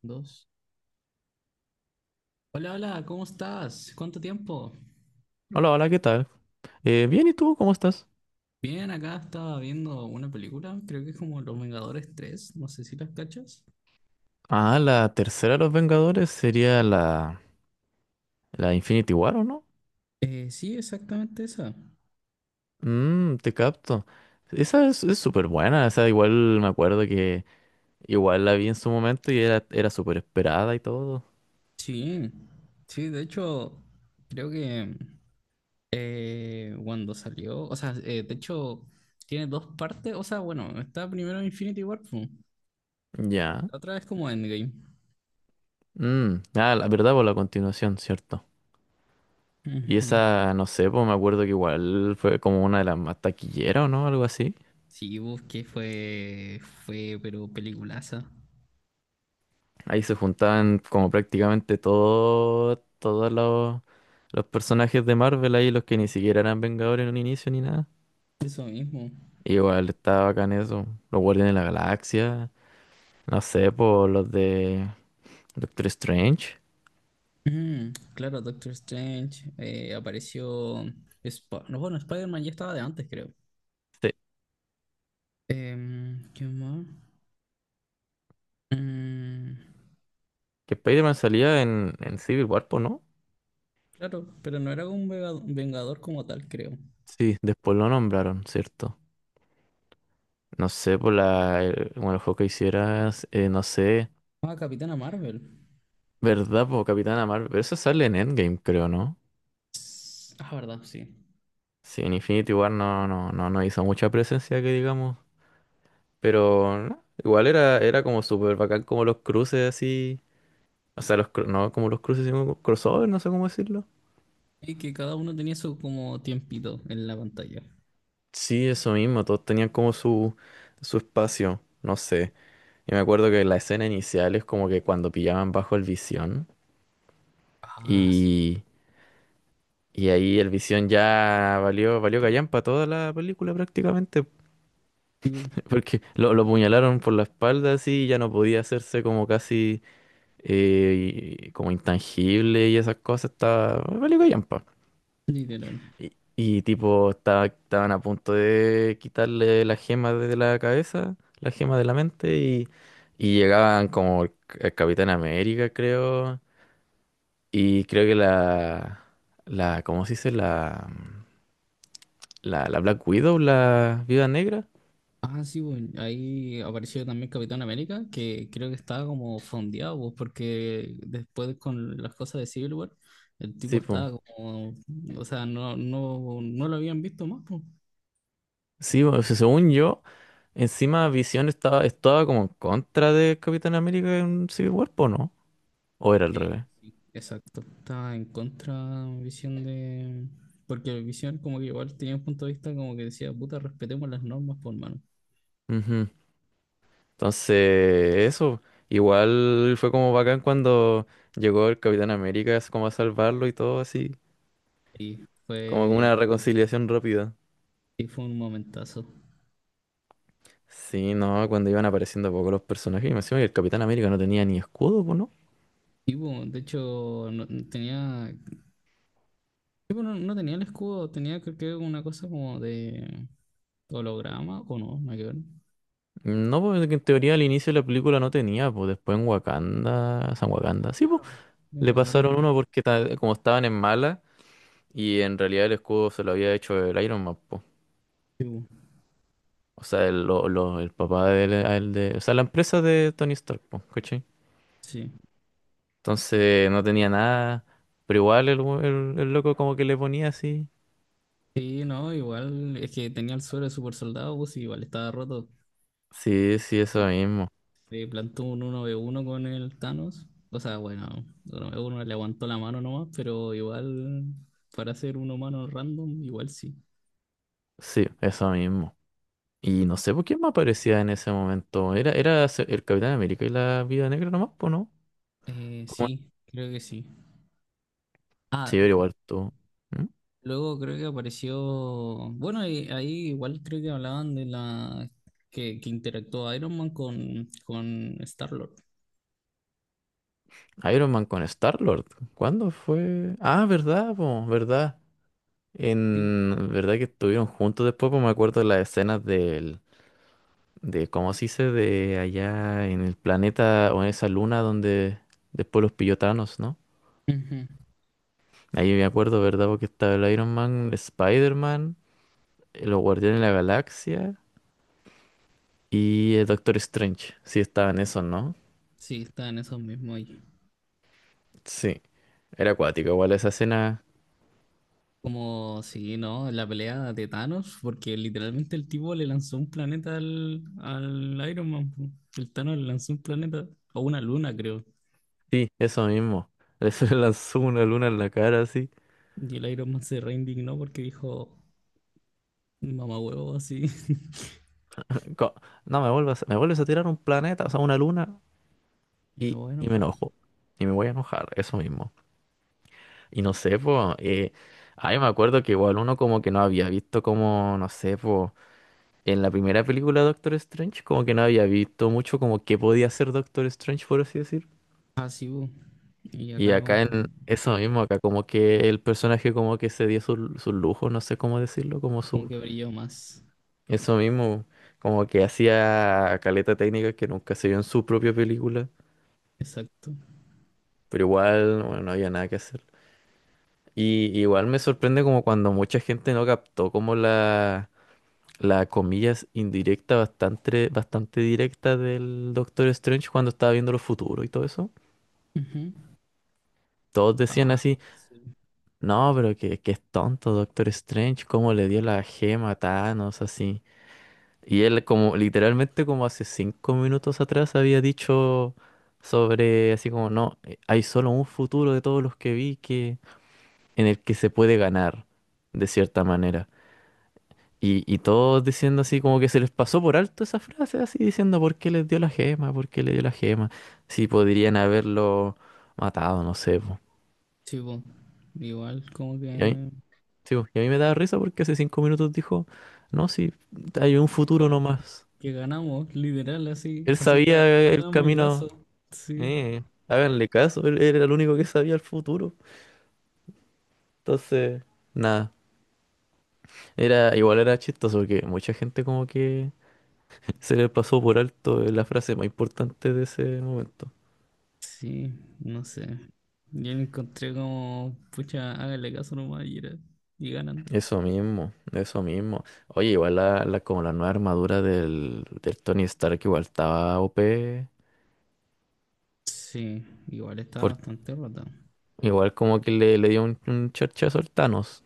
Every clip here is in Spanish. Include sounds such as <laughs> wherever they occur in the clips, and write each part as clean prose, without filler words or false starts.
Dos. Hola, hola, ¿cómo estás? ¿Cuánto tiempo? Hola, hola, ¿qué tal? Bien, ¿y tú cómo estás? Bien, acá estaba viendo una película, creo que es como Los Vengadores tres, no sé si las cachas. Ah, la tercera de los Vengadores sería la Infinity War, ¿o no? Sí, exactamente esa. Mmm, te capto. Esa es súper buena, esa igual me acuerdo que igual la vi en su momento y era súper esperada y todo. Sí, sí, de hecho, creo que cuando salió, o sea, de hecho, tiene dos partes, o sea, bueno, está primero Infinity War, pu, y Ya. la otra es como Endgame. Mm, ah, la verdad, por la continuación, ¿cierto? Y Ujú. esa, no sé, pues me acuerdo que igual fue como una de las más taquilleras, ¿o no? Algo así. Sí, busqué, fue, pero peliculaza. Ahí se juntaban como prácticamente todos los personajes de Marvel ahí, los que ni siquiera eran Vengadores en un inicio ni nada. Eso mismo. Igual estaba bacán eso. Los Guardianes de la Galaxia, no sé, por los de Doctor Strange. Mm, claro, Doctor Strange apareció. No, bueno, Spider-Man ya estaba de antes, creo. Sí, ¿Qué más? Mm, que Spider-Man salía en Civil War, po, ¿no? claro, pero no era un vengador como tal, creo. Sí, después lo nombraron, ¿cierto? No sé, por bueno, el juego que hicieras, no sé, Ah, Capitana Marvel. ¿verdad? Por Capitana Marvel, pero eso sale en Endgame, creo, ¿no? Ah, verdad, sí. Sí, en Infinity War no hizo mucha presencia, que digamos. Pero no, igual era como súper bacán como los cruces así. O sea, no como los cruces, sino como crossover, no sé cómo decirlo. Y que cada uno tenía su como tiempito en la pantalla. Sí, eso mismo, todos tenían como su espacio, no sé. Y me acuerdo que la escena inicial es como que cuando pillaban bajo el Visión Ah, sí. y, y ahí el Visión ya valió callampa toda la película prácticamente, Sí, bu. <laughs> porque lo apuñalaron por la espalda así y ya no podía hacerse como casi y como intangible y esas cosas, estaba valió callampa. Literal. Y tipo, estaban a punto de quitarle las gemas de la cabeza, las gemas de la mente, y llegaban como el Capitán América, creo, y creo que la, ¿cómo se dice? La Black Widow, la Viuda Negra. Ah, sí, bueno, ahí apareció también Capitán América, que creo que estaba como fondeado, pues, porque después con las cosas de Civil War, el tipo Sí, pues. estaba como, o sea, no, no lo habían visto más, pues. Sí, po, o sea, según yo, encima Visión estaba como en contra de Capitán América en Civil War, ¿po no? ¿O era al Eh, revés? sí, exacto, estaba en contra Visión de... Porque Visión como que igual tenía un punto de vista como que decía, puta, respetemos las normas, por mano. Ujú. Entonces, eso, igual fue como bacán cuando llegó el Capitán América es como a salvarlo y todo así, Y como fue, una reconciliación rápida. y fue un momentazo. Sí, no, cuando iban apareciendo poco los personajes, y me decían que el Capitán América no tenía ni escudo, pues, ¿no? Y bueno, de hecho, tenía. Sí, pero no tenía el escudo, tenía creo que una cosa como de holograma, o no, no hay que ver. No, pues en teoría al inicio de la película no tenía, pues después en Wakanda, San Wakanda, sí, pues, Claro. En le Wakanda. pasaron uno porque como estaban en mala y en realidad el escudo se lo había hecho el Iron Man. Sí, bu. O sea, el papá de él, a él de. O sea, la empresa de Tony Stark, po, ¿cachai? Sí. Entonces no tenía nada. Pero igual el loco como que le ponía así. Sí, no, igual es que tenía el suelo de super soldado, pues y igual estaba roto. Sí, sí, Sí. eso mismo. Se plantó un uno v uno con el Thanos. O sea, bueno, 1v1 le aguantó la mano nomás, pero igual para ser un humano random, igual sí. Sí, eso mismo. Y no sé por quién más aparecía en ese momento. El Capitán América y la Viuda Negra nomás, pues, ¿no? ¿Cómo? Sí, creo que sí. Sí, Ah. pero igual tú. ¿Mm? Luego creo que apareció, bueno, y ahí igual creo que hablaban de la que interactuó Iron Man con Star-Lord. Iron Man con Star-Lord. ¿Cuándo fue? Ah, verdad, po, verdad. Sí. En verdad que estuvieron juntos después, pues me acuerdo de las escenas del de cómo se dice de allá en el planeta o en esa luna donde después los pillotanos, ¿no? Ujú. Ahí me acuerdo, ¿verdad? Porque estaba el Iron Man, Spider-Man, los Guardianes de la Galaxia y el Doctor Strange. Sí, estaban esos, ¿no? Sí, está en esos mismos ahí. Sí, era acuático, igual esa escena. Como, sí, ¿no? La pelea de Thanos, porque literalmente el tipo le lanzó un planeta al, al Iron Man, po. El Thanos le lanzó un planeta, o una luna, creo. Sí, eso mismo. Le <laughs> lanzó una luna en la cara así. Y el Iron Man se reindignó porque dijo, mamá huevo, así, <laughs> Co- No, me vuelvas, me vuelves a tirar un planeta, o sea, una luna y me voy a y me enojar. enojo. Y me voy a enojar, eso mismo. Y no sé, pues, ay, me acuerdo que igual uno como que no había visto como, no sé, pues, en la primera película de Doctor Strange, como que no había visto mucho como qué podía hacer Doctor Strange, por así decir. Así, po. Y Y acá como. acá en eso mismo, acá como que el personaje como que se dio su lujo, no sé cómo decirlo, como Como su, que brilló más. eso mismo, como que hacía caleta técnica que nunca se vio en su propia película, Exacto. pero igual, bueno, no había nada que hacer. Y igual me sorprende como cuando mucha gente no captó como la comillas indirecta bastante directa del Doctor Strange cuando estaba viendo los futuros y todo eso. Ujú. Todos decían Ah, así, sí. no, pero que es tonto Doctor Strange, cómo le dio la gema a Thanos, así. Y él como literalmente como hace 5 minutos atrás había dicho sobre así como, no, hay solo un futuro de todos los que vi que en el que se puede ganar, de cierta manera. Y todos diciendo así como que se les pasó por alto esa frase, así diciendo por qué les dio la gema, por qué le dio la gema, si podrían haberlo matado, no sé, po. Sí, po. Igual como Y a mí, sí, po, y a mí me daba risa porque hace 5 minutos dijo, no, si hay un que, futuro nomás. que ganamos, literal, así. Él Así que sabía el háganme camino, caso. Sí. eh, háganle caso, él era el único que sabía el futuro. Entonces, nada, era igual era chistoso porque mucha gente como que se les pasó por alto la frase más importante de ese momento. Sí, no sé. Yo lo encontré como, pucha, háganle caso nomás y ganan. Eso mismo, eso mismo. Oye, igual como la nueva armadura del Tony Stark igual estaba OP, Sí, igual estaba porque bastante rota. igual como que le dio un charchazo al Thanos.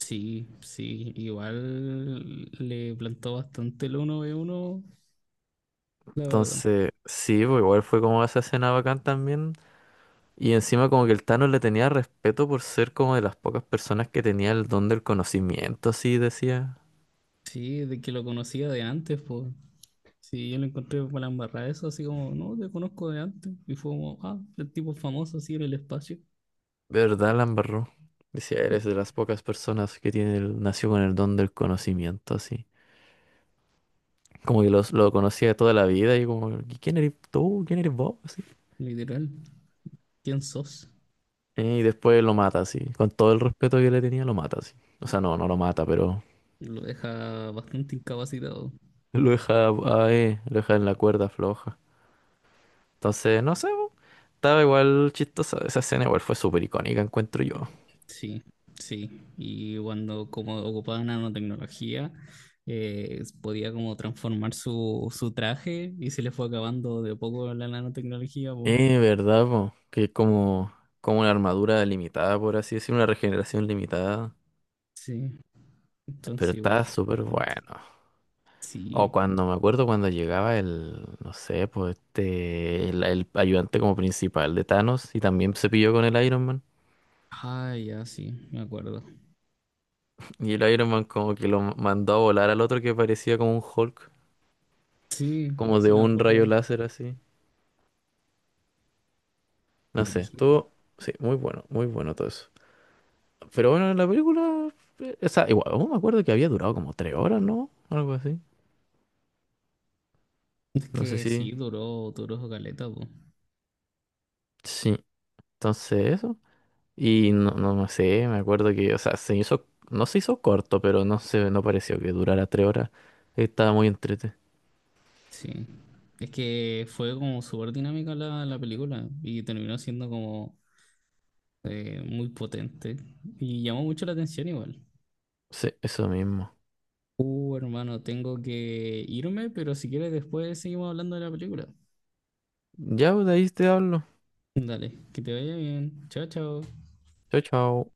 Sí, sí, igual le plantó bastante el uno ve uno, la verdad. Entonces, sí, pues igual fue como esa escena bacán también. Y encima como que el Thanos le tenía respeto por ser como de las pocas personas que tenía el don del conocimiento, así decía. Sí, de que lo conocía de antes, pues. Sí, yo lo encontré con la embarrada eso, así como, no, te conozco de antes. Y fue como, ah, el tipo famoso así en el espacio. De verdad, la embarró. Decía, eres de las pocas personas que tiene el, nació con el don del conocimiento, así. Como que los, lo conocía de toda la vida y como, "¿Y ¿quién eres tú? ¿Quién eres vos?" Así. Literal, ¿quién sos? Y después lo mata así. Con todo el respeto que le tenía, lo mata así. O sea, no, no lo mata, pero Lo deja bastante incapacitado. lo deja, ahí, lo deja en la cuerda floja. Entonces, no sé, po, estaba igual chistosa. Esa escena igual fue súper icónica, encuentro yo. Sí, sí. Y cuando como ocupaba nanotecnología, podía como transformar su, su traje y se le fue acabando de a poco la nanotecnología, po. ¿Verdad, po? Que es como, como una armadura limitada, por así decir, una regeneración limitada. Sí, Pero entonces igual está fue súper potente. bueno. O Sí. cuando me acuerdo cuando llegaba el, no sé, pues este, el ayudante como principal de Thanos y también se pilló con el Iron Man. Ah, ya sí, me acuerdo. Y el Iron Man como que lo mandó a volar al otro que parecía como un Hulk, Sí, como sí de me un acuerdo. rayo láser así. No sé, Brígido. estuvo, sí, muy bueno, muy bueno todo eso. Pero bueno, la película, o sea, igual, aún me acuerdo que había durado como 3 horas, ¿no? Algo así. Es No sé que si, sí, duró, duró su caleta, po. sí, entonces eso. Y no sé, me acuerdo que, o sea, se hizo, no se hizo corto, pero no se, no pareció que durara 3 horas. Estaba muy entrete. Sí. Es que fue como súper dinámica la, la película y terminó siendo como muy potente y llamó mucho la atención igual. Sí, eso mismo. Hermano, tengo que irme, pero si quieres después seguimos hablando de la película. Ya, pues, de ahí te hablo. Dale, que te vaya bien. Chao, chao. Chao, chao.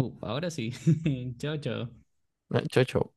Ahora sí. <laughs> Chao, chao. Chao, chao.